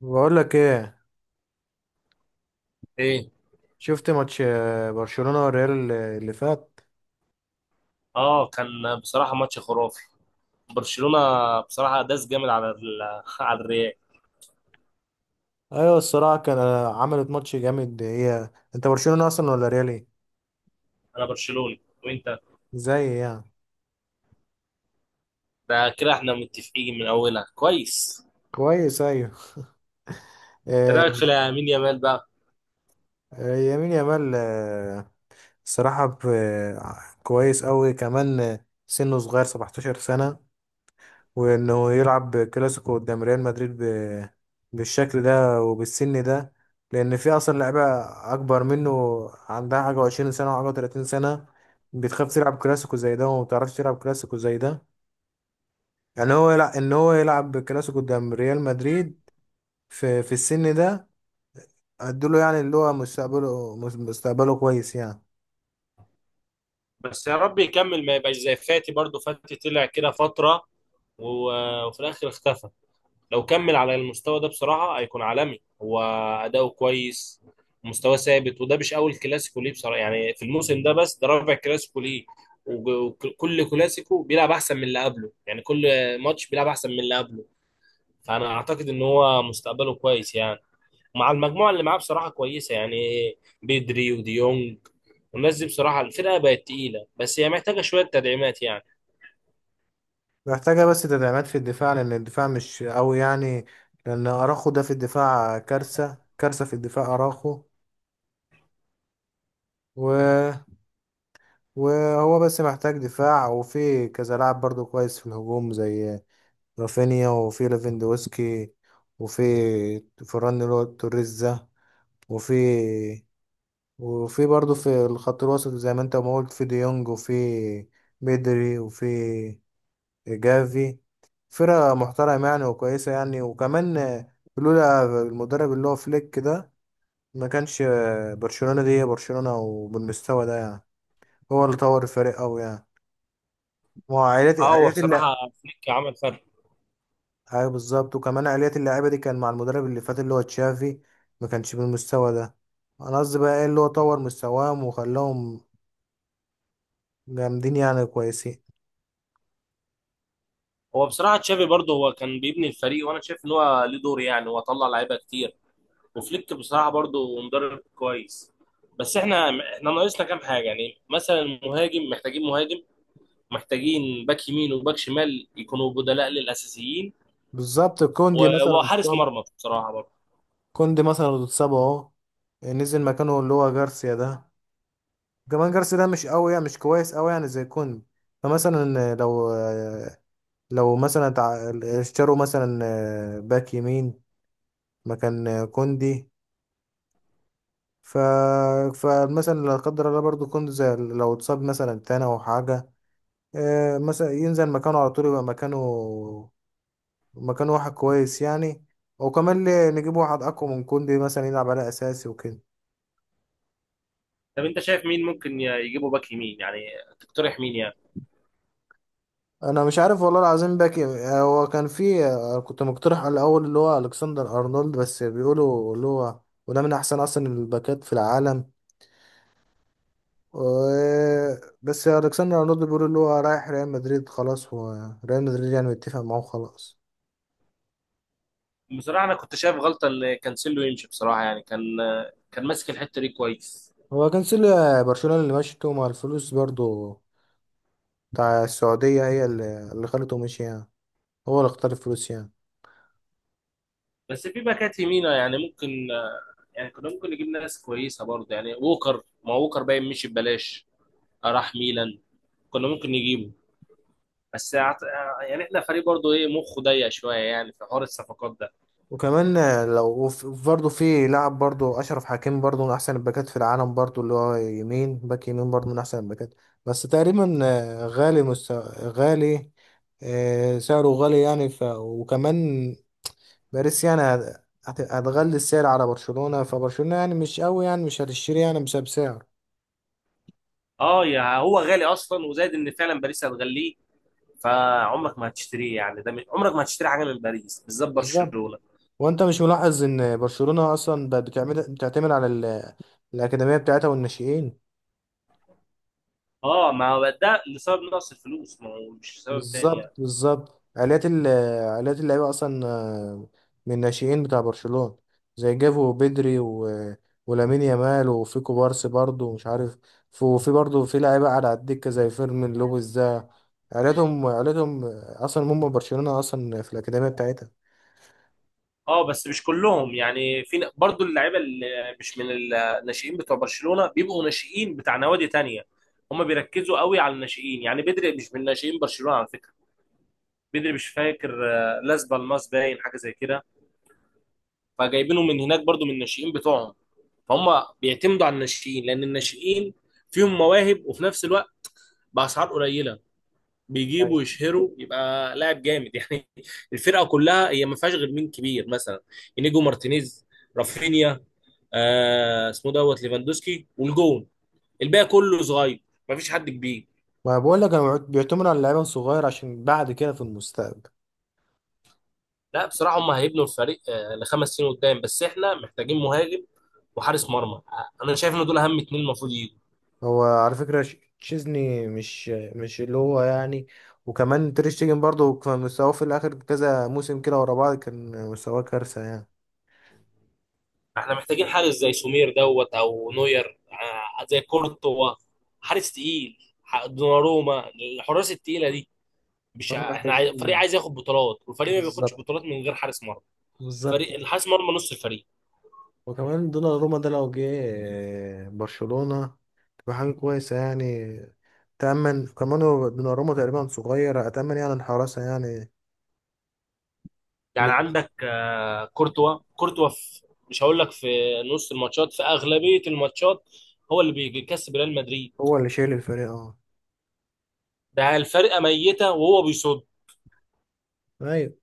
بقول لك ايه. ايه. شفت ماتش، برشلونة والريال اللي فات. اه، كان بصراحه ماتش خرافي. برشلونه بصراحه داس جامد على الريال. ايوه الصراحة كان، عملت ماتش جامد هي. انت برشلونة اصلا ولا ريال ايه؟ انا برشلوني، وانت؟ زي يعني. ده كده احنا متفقين من اولها كويس. كويس ايوه. ايه رايك آه، في لامين يامال بقى؟ يمين يامال، الصراحة كويس قوي كمان، سنه صغير 17 سنة. وانه يلعب كلاسيكو قدام ريال مدريد بالشكل ده وبالسن ده. لان في اصلا لعيبه اكبر منه، عندها حاجه وعشرين سنه وحاجه وتلاتين سنه، بتخاف تلعب كلاسيكو زي ده وما بتعرفش تلعب كلاسيكو زي ده. يعني هو يلعب، ان هو يلعب كلاسيكو قدام ريال مدريد في السن ده، ادوله يعني اللي هو مستقبله مستقبله كويس يعني. بس يا رب يكمل ما يبقاش زي فاتي، برضو فاتي طلع كده فتره وفي الاخر اختفى. لو كمل على المستوى ده بصراحة هيكون عالمي هو. أداؤه كويس، مستواه ثابت. وده مش أول كلاسيكو ليه بصراحة يعني في الموسم ده، بس ده رابع كلاسيكو ليه. وكل كلاسيكو بيلعب أحسن من اللي قبله، يعني كل ماتش بيلعب أحسن من اللي قبله. فأنا أعتقد إن هو مستقبله كويس يعني، ومع المجموعة اللي معاه بصراحة كويسة يعني، بيدري وديونج والناس دي. بصراحة الفرقة بقت تقيلة، بس هي محتاجة شوية تدعيمات يعني. محتاجه بس تدعيمات في الدفاع، لان الدفاع مش قوي يعني. لان اراخو ده في الدفاع كارثه، كارثه في الدفاع اراخو. وهو بس محتاج دفاع، وفي كذا لاعب برضو كويس في الهجوم زي رافينيا، وفي ليفاندوسكي، وفي فران اللي هو توريز ده، وفي وفي برضو في الخط الوسط زي ما انت ما قلت، في ديونج، وفي بيدري، وفي جافي. فرقة محترمة يعني وكويسة يعني. وكمان لولا المدرب اللي هو فليك ده، ما كانش برشلونة دي هي برشلونة وبالمستوى ده يعني. هو اللي طور الفريق أوي يعني. ما هو عائلات اه، هو عائلات بصراحة اللع... فليك عمل فرق. ايوه بالظبط، وكمان عائلات اللعيبه دي كان مع المدرب اللي فات اللي هو تشافي، ما كانش بالمستوى ده. انا قصدي بقى ايه اللي هو طور مستواهم وخلاهم جامدين يعني كويسين. هو بصراحه تشافي برضه هو كان بيبني الفريق، وانا شايف ان هو ليه دور يعني، هو طلع لعيبه كتير. وفليك بصراحه برضه مدرب كويس. بس احنا ناقصنا كام حاجه يعني، مثلا المهاجم، محتاجين مهاجم، محتاجين باك يمين وباك شمال يكونوا بدلاء للاساسيين، بالظبط كوندي مثلا وحارس اتصاب. مرمى بصراحه برضه. كوندي مثلا اتصاب اهو، نزل مكانه اللي هو جارسيا ده. كمان جارسيا ده مش قوي يعني، مش كويس قوي يعني زي كوندي. فمثلا لو مثلا اشتروا مثلا باك يمين مكان كوندي. ف... فمثلا لا قدر الله، برضو كنت زي، لو اتصاب مثلا تاني او حاجه، مثلا ينزل مكانه على طول، يبقى مكانه مكانه واحد كويس يعني. وكمان ليه نجيب واحد اقوى من كوندي مثلا يلعب على اساسي وكده. طب انت شايف مين ممكن يجيبوا باك يمين يعني، تقترح مين يعني؟ انا مش عارف والله العظيم، باك هو كان في، كنت مقترح على الاول اللي هو الكسندر ارنولد، بس بيقولوا اللي هو، وده من احسن اصلا الباكات في العالم. و- بس الكسندر ارنولد بيقولوا اللي هو رايح ريال مدريد خلاص، هو ريال مدريد يعني متفق معاه خلاص. بصراحه انا كنت شايف غلطه ان كانسيلو يمشي، بصراحه يعني كان ماسك الحته دي كويس. هو كان برشلونة اللي مشته مع الفلوس برضو بتاع السعودية، هي اللي خلته مشي يعني. هو اللي اختار الفلوس يعني. بس في باكات يمينة يعني ممكن، يعني كنا ممكن نجيب ناس كويسه برضه يعني. ووكر، ما ووكر باين مشي ببلاش، راح ميلان، كنا ممكن نجيبه. بس أعت- يعني احنا فريق برضه ايه مخه ضيق شويه يعني في حوار الصفقات ده. وكمان لو برضو في لاعب برضو أشرف حكيمي، برضو من أحسن الباكات في العالم برضو، اللي هو يمين، باك يمين برضو من أحسن الباكات. بس تقريبا، غالي، سعره غالي يعني. وكمان باريس يعني هتغلي السعر على برشلونة، فبرشلونة يعني مش قوي يعني مش هتشتري يعني بسبب اه، يا هو غالي اصلا، وزائد ان فعلا باريس هتغليه، فعمرك ما هتشتريه يعني. عمرك ما هتشتري حاجه من باريس بالذات سعر. برشلونه. وانت مش ملاحظ ان برشلونة اصلا بقت بتعمل بتعتمد على الاكاديمية بتاعتها والناشئين؟ اه ما هو ده لسبب نقص الفلوس، ما هو مش سبب تاني بالظبط يعني. بالظبط، عائلات اللعيبة اصلا، من الناشئين بتاع برشلونة زي جافو وبدري ولامين يامال، وفي كوبارسي برضه، ومش عارف. وفي برضه في لعيبة قاعدة على الدكة زي فيرمين لوبيز ده. عائلتهم عائلتهم اصلا هم برشلونة اصلا، في الاكاديمية بتاعتها. اه، بس مش كلهم يعني، في برضو اللعيبه اللي مش من الناشئين بتوع برشلونه بيبقوا ناشئين بتاع نوادي تانية. هم بيركزوا قوي على الناشئين يعني. بدري مش من ناشئين برشلونه على فكره، بدري مش فاكر، لاس بالماس باين حاجه زي كده، فجايبينه من هناك برضو من الناشئين بتوعهم. فهم بيعتمدوا على الناشئين لان الناشئين فيهم مواهب، وفي نفس الوقت باسعار قليله بيجيبوا أيوة. يشهروا يبقى لاعب جامد يعني. الفرقه كلها هي ما فيهاش غير مين كبير مثلا؟ انيجو مارتينيز، رافينيا، آه اسمه دوت ليفاندوسكي، والجون. الباقي كله صغير، مفيش حد كبير. ما بقول لك انا، بيعتمد على اللعيبة الصغير عشان بعد كده في المستقبل. لا بصراحة هم هيبنوا الفريق، ل5 سنين قدام، بس احنا محتاجين مهاجم وحارس مرمى. انا شايف ان دول اهم اتنين المفروض يجوا. هو على فكرة تشيزني مش اللي هو يعني. وكمان تير شتيجن برضه كان مستواه في الآخر كذا موسم كده ورا بعض، كان مستواه كارثة يعني. احنا محتاجين حارس زي سمير دوت او نوير، زي كورتوا. حارس تقيل، دوناروما، الحراس التقيلة دي. مش كمان ع- احنا عاي... فريق محتاجين. عايز ياخد بطولات، والفريق ما بياخدش بطولات بالظبط من غير حارس مرمى. بالظبط. فريق الحارس مرمى نص الفريق. وكمان دوناروما ده لو جه، برشلونة، تبقى حاجة كويسة يعني. تأمن، كمان هو دوناروما تقريبا صغير، أتأمن يعني الحراسة يعني. اللي يعني عندك كورتوا. كورتوا في مش هقول لك، في نص الماتشات، في اغلبيه الماتشات هو اللي بيكسب ريال مدريد. هو اللي شايل الفريق، اه. ده الفرقه ميته وهو بيصد. أيوة.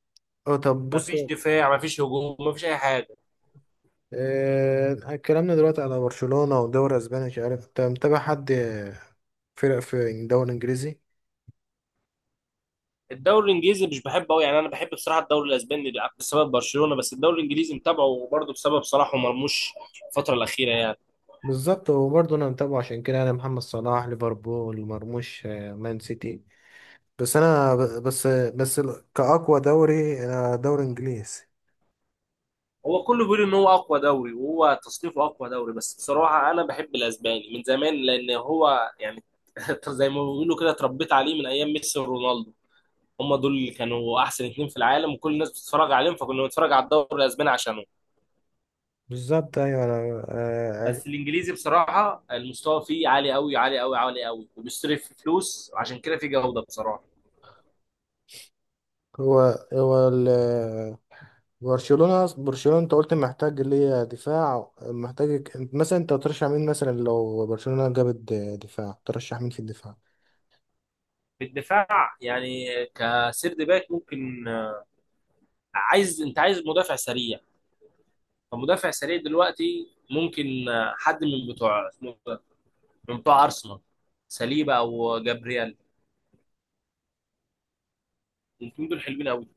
اه طب بص، مفيش دفاع، مفيش هجوم، مفيش اي حاجه. اتكلمنا دلوقتي على برشلونة ودوري اسباني، مش عارف انت متابع حد فرق في الدوري الانجليزي؟ الدوري الانجليزي مش بحبه قوي يعني. انا بحب بصراحه الدوري الاسباني بسبب برشلونه، بس الدوري الانجليزي متابعه برضه بسبب صلاح ومرموش الفتره الاخيره يعني. بالظبط وبرضه انا متابعه، عشان كده انا محمد صلاح ليفربول، مرموش مان سيتي. بس كأقوى دوري انا دوري انجليزي. هو كله بيقول ان هو اقوى دوري، وهو تصنيفه اقوى دوري، بس بصراحه انا بحب الاسباني من زمان لان هو يعني زي ما بيقولوا كده اتربيت عليه من ايام ميسي ورونالدو. هم دول اللي كانوا احسن اتنين في العالم وكل الناس بتتفرج عليهم، فكنا بنتفرج على الدوري الاسباني عشانهم. بالظبط ايوه، انا عارف. بس الانجليزي بصراحه المستوى فيه عالي قوي عالي قوي عالي قوي، وبيصرف في فلوس وعشان كده في جوده بصراحه. هو هو ال- برشلونة برشلونة انت قلت محتاج ليه دفاع، محتاج. مثلا انت ترشح مين مثلا لو برشلونة جابت دفاع، ترشح مين في الدفاع؟ في الدفاع يعني كسيرد باك ممكن. انت عايز مدافع سريع، فمدافع سريع دلوقتي ممكن، حد من بتوع اسمه إيه ده؟ من بتوع ارسنال، ساليبا او جابرييل، الاثنين دول حلوين قوي،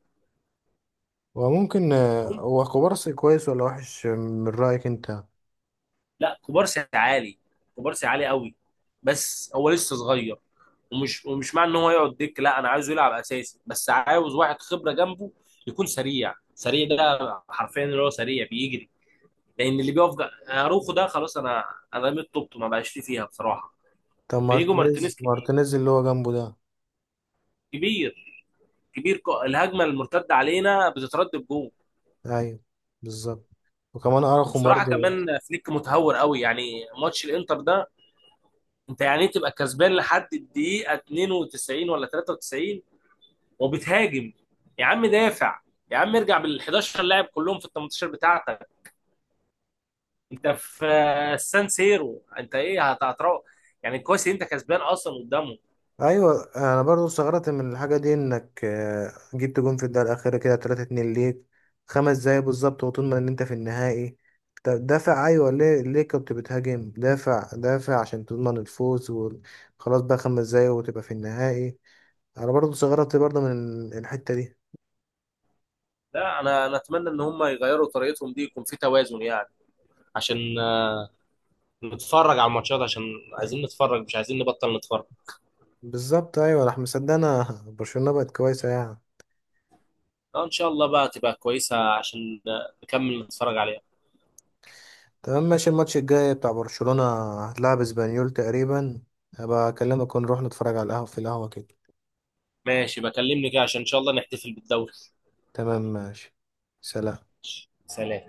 وممكن عارفهم؟ هو كوبارسي كويس ولا وحش من رأيك انت؟ لا، كوبارسي عالي، كوبارسي عالي قوي، بس هو لسه صغير. ومش معنى ان هو يقعد دك، لا انا عايزه يلعب اساسي، بس عاوز واحد خبره جنبه، يكون سريع. سريع ده حرفيا اللي هو سريع بيجري. لان اللي بيقف اروخو ده خلاص. انا رميت طوبته، ما بقاش لي فيها بصراحه. طب بيجو مارتينيز، مارتينيز كبير، مارتينيز اللي هو جنبه ده؟ كبير، كبير. الهجمه المرتده علينا بتترد بجول. ايوه بالظبط، وكمان ارخم وبصراحه برضه. كمان فليك متهور قوي يعني، ماتش الانتر ده، انت يعني إيه تبقى كسبان لحد الدقيقه 92 ولا 93 وبتهاجم؟ يا عم دافع، يا عم ارجع بال 11 لاعب كلهم في ال 18 بتاعتك. انت في السان سيرو، انت ايه هتروح يعني؟ كويس إن انت كسبان اصلا قدامهم. ايوه انا برضه استغربت من الحاجه دي، انك جبت جون في الدقيقه الاخيره كده 3-2 ليك خمس دقايق بالظبط، وطول ما ان انت في النهائي. طب دافع ايوه، ليه كنت بتهاجم؟ دافع دافع عشان تضمن الفوز وخلاص بقى خمس دقايق وتبقى في النهائي. انا برضه استغربت برضه من الحته دي. لا، انا اتمنى ان هم يغيروا طريقتهم دي، يكون في توازن يعني، عشان نتفرج على الماتشات، عشان عايزين نتفرج، مش عايزين نبطل نتفرج. بالظبط ايوه راح مصدقنا برشلونة بقت كويسة يعني. ان شاء الله بقى تبقى كويسه عشان نكمل نتفرج عليها. تمام ماشي، الماتش الجاي بتاع برشلونة هتلعب اسبانيول تقريبا، هبقى اكلمك ونروح نتفرج على القهوة في القهوة كده. ماشي، بكلمني كده عشان ان شاء الله نحتفل بالدوري. تمام ماشي، سلام. سلام.